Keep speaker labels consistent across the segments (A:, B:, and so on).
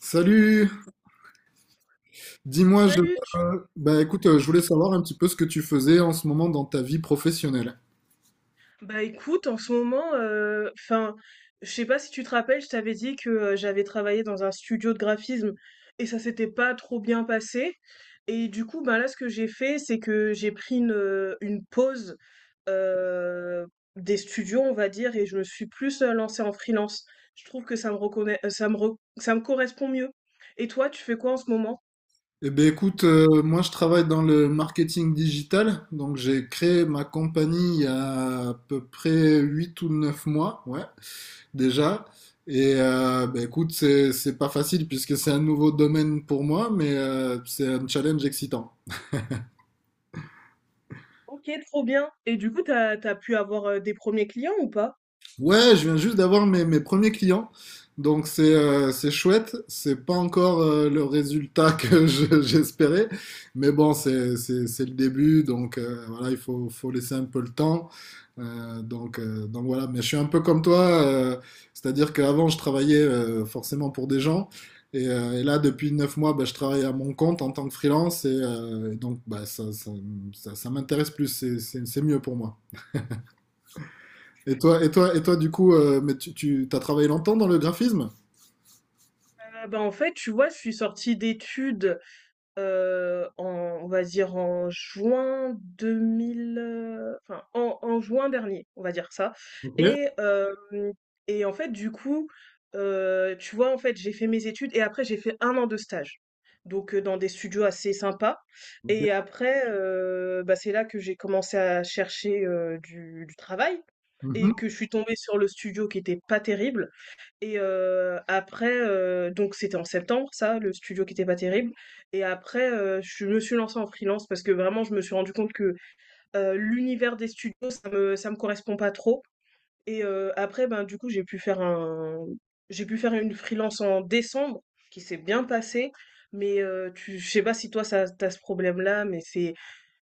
A: Salut, dis-moi,
B: Salut,
A: bah écoute, je voulais savoir un petit peu ce que tu faisais en ce moment dans ta vie professionnelle.
B: bah écoute, en ce moment, enfin, je sais pas si tu te rappelles, je t'avais dit que j'avais travaillé dans un studio de graphisme et ça s'était pas trop bien passé. Et du coup, bah là, ce que j'ai fait, c'est que j'ai pris une pause euh, des studios, on va dire, et je me suis plus lancée en freelance. Je trouve que ça me reconnaît, ça me correspond mieux. Et toi, tu fais quoi en ce moment?
A: Eh ben écoute, moi je travaille dans le marketing digital, donc j'ai créé ma compagnie il y a à peu près 8 ou 9 mois, ouais, déjà. Et bah écoute, c'est pas facile puisque c'est un nouveau domaine pour moi, mais c'est un challenge excitant.
B: Ok, trop bien. Et du coup, t'as pu avoir des premiers clients ou pas?
A: Ouais, je viens juste d'avoir mes premiers clients. Donc c'est chouette, c'est pas encore le résultat que j'espérais, mais bon c'est le début, donc voilà, il faut laisser un peu le temps. Donc voilà. Mais je suis un peu comme toi, c'est-à-dire qu'avant je travaillais forcément pour des gens, et là depuis 9 mois, bah, je travaille à mon compte en tant que freelance, et donc bah ça m'intéresse plus, c'est mieux pour moi. Et toi, du coup, mais tu as travaillé longtemps dans le graphisme?
B: Bah, en fait, tu vois, je suis sortie d'études. En on va dire en juin 2000, enfin en juin dernier, on va dire ça.
A: Ok.
B: Et hem et en fait, du coup, tu vois, en fait j'ai fait mes études et après j'ai fait un an de stage. Donc, dans des studios assez sympas. Et
A: Ok.
B: après, bah, c'est là que j'ai commencé à chercher, du travail
A: Mhm.
B: et que je suis tombée sur le studio qui était pas terrible. Et après, donc c'était en septembre ça, le studio qui était pas terrible. Et après, je me suis lancée en freelance parce que vraiment je me suis rendue compte que l'univers des studios, ça me correspond pas trop. Et après, ben, du coup, j'ai pu faire une freelance en décembre qui s'est bien passée. Mais tu je sais pas si toi ça t'as ce problème-là, mais c'est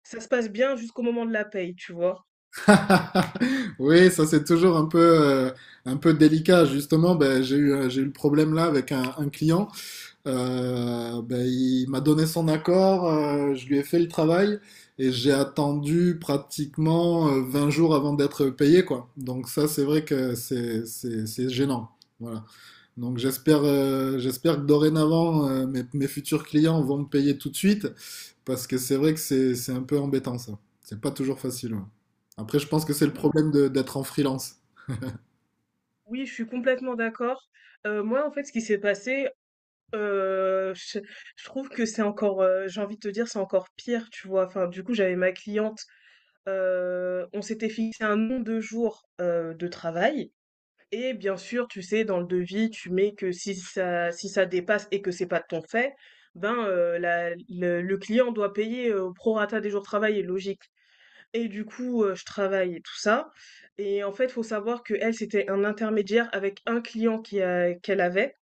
B: ça se passe bien jusqu'au moment de la paye, tu vois?
A: Oui, ça c'est toujours un peu délicat. Justement, ben, j'ai eu le problème là avec un client. Ben, il m'a donné son accord, je lui ai fait le travail et j'ai attendu pratiquement 20 jours avant d'être payé, quoi. Donc ça, c'est vrai que c'est gênant. Voilà. Donc j'espère que dorénavant, mes futurs clients vont me payer tout de suite, parce que c'est vrai que c'est un peu embêtant ça. C'est pas toujours facile. Ouais. Après, je pense que c'est le
B: Oui,
A: problème d'être en freelance.
B: oui, je suis complètement d'accord. Moi, en fait, ce qui s'est passé. Heu, je je trouve que c'est encore, j'ai envie de te dire, c'est encore pire, tu vois? Enfin, du coup, j'avais ma cliente, on s'était fixé un nombre de jours, de travail, et bien sûr, tu sais, dans le devis, tu mets que si ça dépasse et que c'est pas de ton fait, ben, la le client doit payer, au prorata des jours de travaillés, logique. Et du coup, je travaille et tout ça. Et en fait, faut savoir que elle, c'était un intermédiaire avec un client qui a qu'elle avait.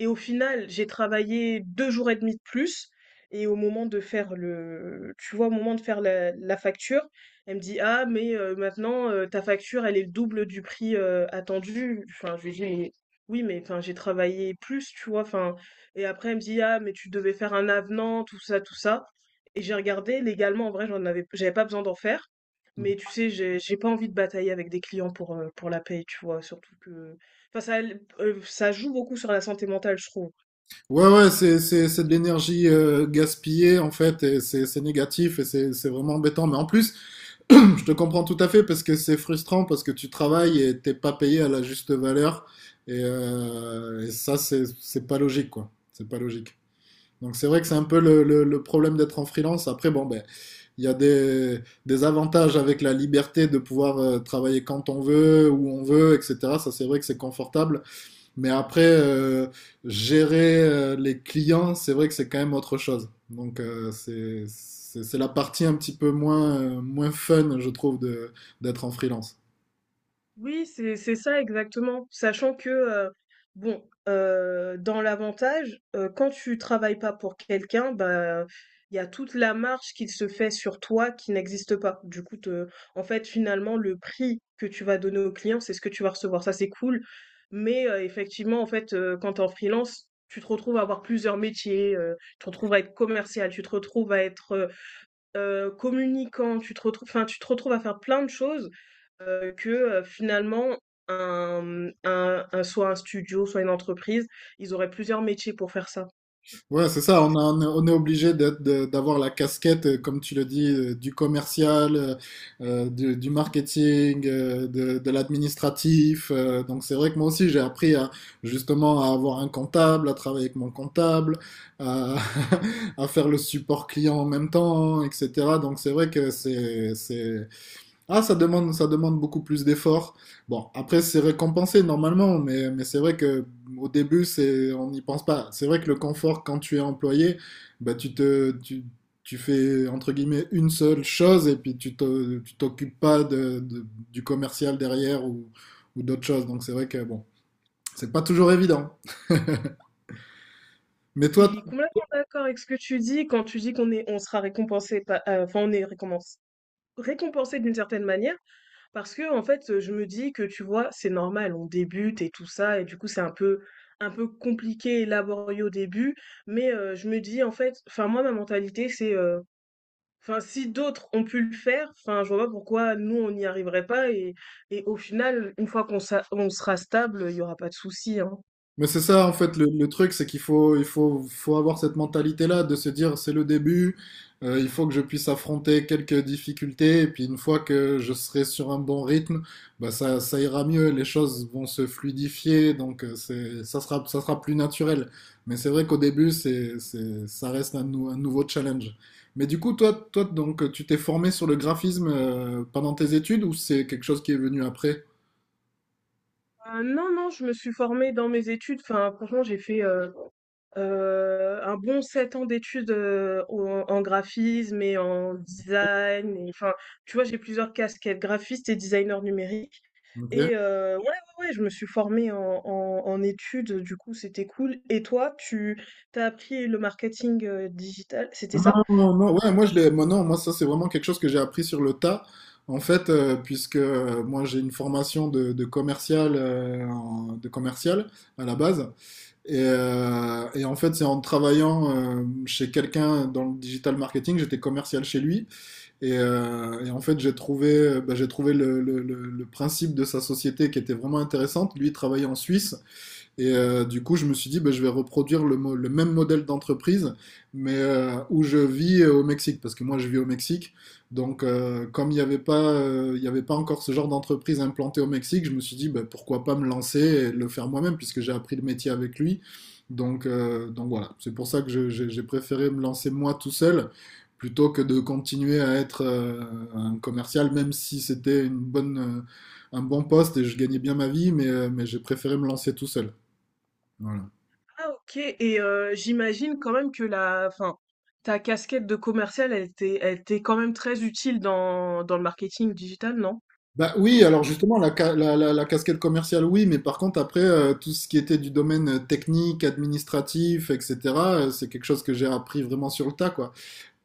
B: Et au final, j'ai travaillé 2 jours et demi de plus. Et au moment de faire le tu vois, au moment de faire la facture, elle me dit: «Ah mais maintenant, ta facture, elle est le double du prix, attendu». Enfin, je lui dis: «Mais oui, mais enfin, j'ai travaillé plus», tu vois? Enfin, et après, elle me dit: «Ah mais tu devais faire un avenant, tout ça, tout ça». Et j'ai regardé, légalement, en vrai, j'avais pas besoin d'en faire, mais tu sais, j'ai pas envie de batailler avec des clients pour la paye, tu vois? Surtout que, enfin, ça joue beaucoup sur la santé mentale, je trouve.
A: Ouais, ouais, c'est de l'énergie gaspillée, en fait, et c'est négatif et c'est vraiment embêtant. Mais en plus, je te comprends tout à fait parce que c'est frustrant, parce que tu travailles et t'es pas payé à la juste valeur. Et ça, c'est pas logique, quoi. C'est pas logique. Donc c'est vrai que c'est un peu le problème d'être en freelance. Après, bon, ben, il y a des avantages, avec la liberté de pouvoir travailler quand on veut, où on veut, etc. Ça, c'est vrai que c'est confortable. Mais après, gérer les clients, c'est vrai que c'est quand même autre chose. Donc c'est la partie un petit peu moins, moins fun, je trouve, d'être en freelance.
B: Oui, c'est ça exactement. Sachant que, bon, dans l'avantage, quand tu travailles pas pour quelqu'un, bah, il y a toute la marge qu'il se fait sur toi qui n'existe pas. Du coup, te en fait, finalement, le prix que tu vas donner au client, c'est ce que tu vas recevoir. Ça, c'est cool, mais effectivement, en fait, quand tu es en freelance, tu te retrouves à avoir plusieurs métiers, tu te retrouves à être commercial, tu te retrouves à être, communicant, tu te retrouves, enfin, tu te retrouves à faire plein de choses, que, finalement un, mmh, un soit un studio, soit une entreprise, ils auraient plusieurs métiers pour faire ça.
A: Ouais, c'est ça, on est obligé d'avoir la casquette, comme tu le dis, du commercial, du marketing, de l'administratif. Donc c'est vrai que moi aussi, j'ai appris justement à avoir un comptable, à travailler avec mon comptable, à, à faire le support client en même temps, etc. Donc c'est vrai que ah, ça demande beaucoup plus d'efforts. Bon, après, c'est récompensé normalement, mais c'est vrai que au début, on n'y pense pas. C'est vrai que le confort, quand tu es employé, bah, tu fais, entre guillemets, une seule chose, et puis tu t'occupes pas du commercial derrière ou d'autres choses. Donc, c'est vrai que, bon, c'est pas toujours évident. Mais
B: Je
A: toi.
B: suis complètement d'accord avec ce que tu dis quand tu dis qu'on est on sera récompensé pa enfin, on est récompensé, récompensé d'une certaine manière, parce que, en fait, je me dis que, tu vois, c'est normal, on débute et tout ça, et du coup, c'est un peu compliqué et laborieux au début. Mais je me dis, en fait, enfin, moi ma mentalité c'est, enfin, si d'autres ont pu le faire, enfin, je vois pas pourquoi nous on n'y arriverait pas. Et et au final, une fois on sera stable, il y aura pas de souci, hein.
A: Mais c'est ça, en fait, le truc, c'est qu'faut avoir cette mentalité-là, de se dire, c'est le début, il faut que je puisse affronter quelques difficultés, et puis une fois que je serai sur un bon rythme, bah ça ira mieux, les choses vont se fluidifier, donc ça sera plus naturel. Mais c'est vrai qu'au début, ça reste un nouveau challenge. Mais du coup, toi, donc, tu t'es formé sur le graphisme, pendant tes études, ou c'est quelque chose qui est venu après?
B: Ah, non, non, je me suis formée dans mes études. Enfin, franchement, j'ai fait un bon 7 ans d'études en graphisme et en design. Et, enfin, tu vois, j'ai plusieurs casquettes, graphiste et designer numérique.
A: Ok.
B: Et ouais, ouais, ouais, je me suis formée en études, du coup, c'était cool. Et toi, tu t'as appris le marketing, digital, c'était
A: Non,
B: ça?
A: non,
B: En
A: non, ouais, moi, non, moi, ça, c'est vraiment quelque chose que j'ai appris sur le tas, en fait, puisque moi, j'ai une formation de commercial, de commercial à la base, et en fait, c'est en travaillant chez quelqu'un dans le digital marketing, j'étais commercial chez lui. Et en fait, bah, j'ai trouvé le principe de sa société, qui était vraiment intéressante. Lui, il travaillait en Suisse, et du coup, je me suis dit, bah, je vais reproduire le même modèle d'entreprise, mais où je vis, au Mexique, parce que moi, je vis au Mexique. Donc, comme il n'y avait pas, il y avait pas encore ce genre d'entreprise implantée au Mexique, je me suis dit, bah, pourquoi pas me lancer et le faire moi-même, puisque j'ai appris le métier avec lui. Donc, voilà, c'est pour ça que j'ai préféré me lancer moi tout seul, plutôt que de continuer à être un commercial, même si c'était un bon poste et je gagnais bien ma vie, mais j'ai préféré me lancer tout seul. Voilà.
B: ah, OK. Et j'imagine quand même que, la enfin, ta casquette de commercial, elle était quand même très utile dans le marketing digital, non?
A: Bah oui, alors justement, la, ca- la- la- la casquette commerciale, oui, mais par contre, après, tout ce qui était du domaine technique, administratif, etc., c'est quelque chose que j'ai appris vraiment sur le tas, quoi.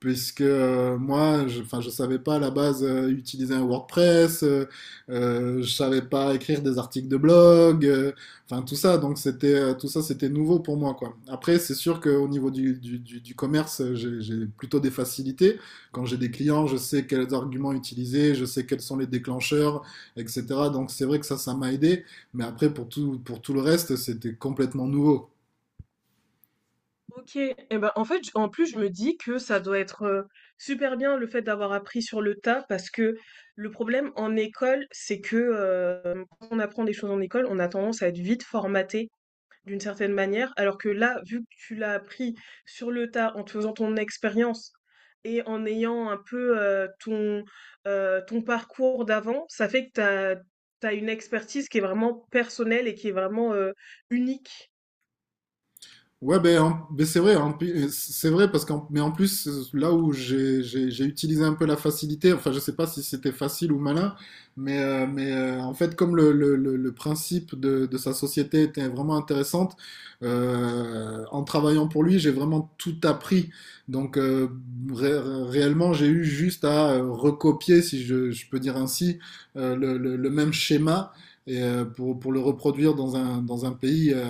A: Puisque moi, enfin, je savais pas à la base utiliser un WordPress, je savais pas écrire des articles de blog, enfin tout ça. Donc c'était tout ça, c'était nouveau pour moi, quoi. Après, c'est sûr qu'au niveau du commerce, j'ai plutôt des facilités. Quand j'ai des clients, je sais quels arguments utiliser, je sais quels sont les déclencheurs, etc. Donc c'est vrai que ça m'a aidé. Mais après, pour tout le reste, c'était complètement nouveau.
B: OK, et ben, en fait, j en plus, je me dis que ça doit être, super bien le fait d'avoir appris sur le tas, parce que le problème en école, c'est que, quand on apprend des choses en école, on a tendance à être vite formaté d'une certaine manière. Alors que là, vu que tu l'as appris sur le tas en te faisant ton expérience et en ayant un peu, ton parcours d'avant, ça fait que t'as une expertise qui est vraiment personnelle et qui est vraiment, unique.
A: Ouais, ben, ben, c'est vrai, c'est vrai, mais en plus là où j'ai utilisé un peu la facilité, enfin je sais pas si c'était facile ou malin, en fait, comme le principe de sa société était vraiment intéressante, en travaillant pour lui j'ai vraiment tout appris, donc ré- réellement j'ai eu juste à recopier, si je peux dire ainsi, le même schéma, et le reproduire dans dans un pays,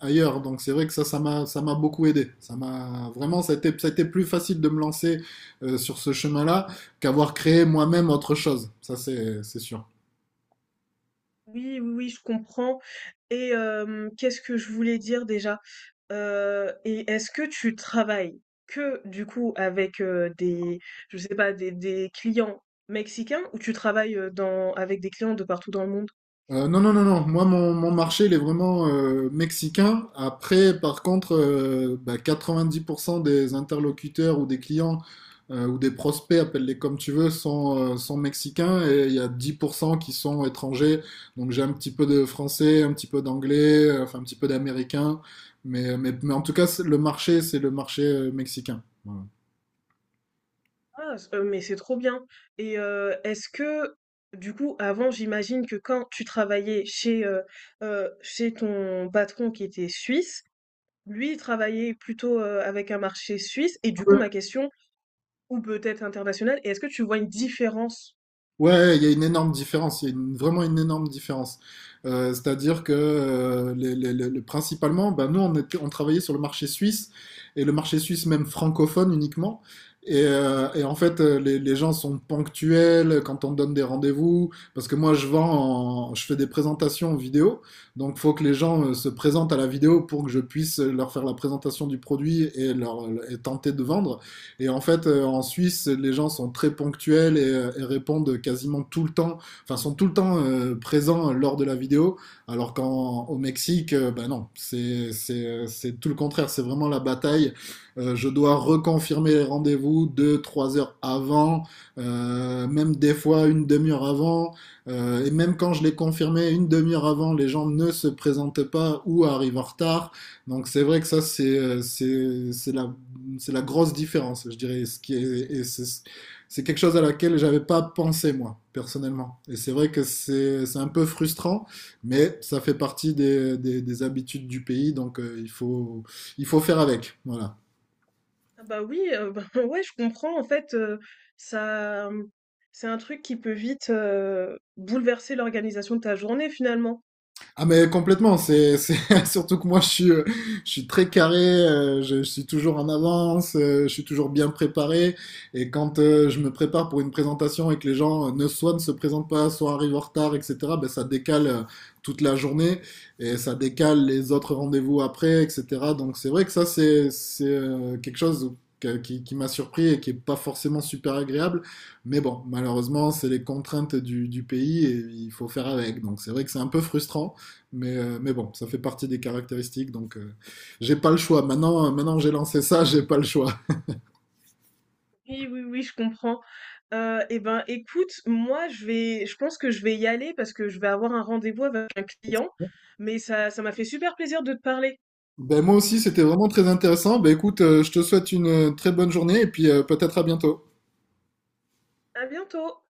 A: ailleurs. Donc c'est vrai que ça, ça m'a beaucoup aidé. Ça a été plus facile de me lancer sur ce chemin-là, qu'avoir créé moi-même autre chose. Ça, c'est sûr.
B: Oui, oui, oui, je comprends. Et qu'est-ce que je voulais dire déjà? Et est-ce que tu travailles que du coup avec, des je sais pas, des clients mexicains, ou tu travailles, dans avec des clients de partout dans le monde?
A: Non, non, non, non. Moi, mon marché, il est vraiment mexicain. Après, par contre, bah, 90% des interlocuteurs ou des clients, ou des prospects, appelle-les comme tu veux, sont mexicains, et il y a 10% qui sont étrangers. Donc, j'ai un petit peu de français, un petit peu d'anglais, enfin, un petit peu d'américain. Mais en tout cas, c'est le marché mexicain. Voilà.
B: Ah, s mais c'est trop bien. Et est-ce que, du coup, avant, j'imagine que quand tu travaillais chez, chez ton patron qui était suisse, lui il travaillait plutôt, avec un marché suisse, et du coup ma question. Ou peut-être international? Et est-ce que tu vois une différence?
A: Ouais, il y a une énorme différence, il y a vraiment une énorme différence. C'est-à-dire que principalement, ben, nous, on travaillait sur le marché suisse, et le marché suisse même francophone uniquement. Et en fait, les gens sont ponctuels quand on donne des rendez-vous, parce que moi, je vends, je fais des présentations vidéo, donc il faut que les gens se présentent à la vidéo pour que je puisse leur faire la présentation du produit et, et tenter de vendre. Et en fait, en Suisse, les gens sont très ponctuels et répondent quasiment tout le temps, enfin, sont tout le temps présents lors de la vidéo, alors qu'au Mexique, ben non, c'est tout le contraire, c'est vraiment la bataille. Je dois reconfirmer les rendez-vous 2, 3 heures avant, même des fois une demi-heure avant. Et même quand je l'ai confirmé une demi-heure avant, les gens ne se présentent pas ou arrivent en retard. Donc c'est vrai que ça, c'est la grosse différence, je dirais. Ce qui est, et c'est, quelque chose à laquelle j'avais pas pensé moi personnellement. Et c'est vrai que c'est un peu frustrant, mais ça fait partie des habitudes du pays, donc il faut faire avec. Voilà.
B: Ah bah oui, bah ouais, je comprends, en fait, ça, c'est un truc qui peut vite, bouleverser l'organisation de ta journée, finalement.
A: Ah mais complètement, surtout que moi je suis très carré, je suis toujours en avance, je suis toujours bien préparé, et quand je me prépare pour une présentation et que les gens ne se présentent pas, soit arrivent en retard, etc., ben ça décale toute la journée, et ça décale les autres rendez-vous après, etc. Donc c'est vrai que ça c'est quelque chose qui m'a surpris et qui est pas forcément super agréable. Mais bon, malheureusement, c'est les contraintes du pays, et il faut faire avec. Donc c'est vrai que c'est un peu frustrant. Mais bon, ça fait partie des caractéristiques, donc j'ai pas le choix. Maintenant que j'ai lancé ça, j'ai pas le choix.
B: Oui, oui, oui, je comprends. Et ben écoute, moi je pense que je vais y aller, parce que je vais avoir un rendez-vous avec un client, mais ça m'a fait super plaisir de te parler.
A: Ben, moi aussi, c'était vraiment très intéressant. Ben, écoute, je te souhaite une très bonne journée et puis peut-être à bientôt.
B: À bientôt.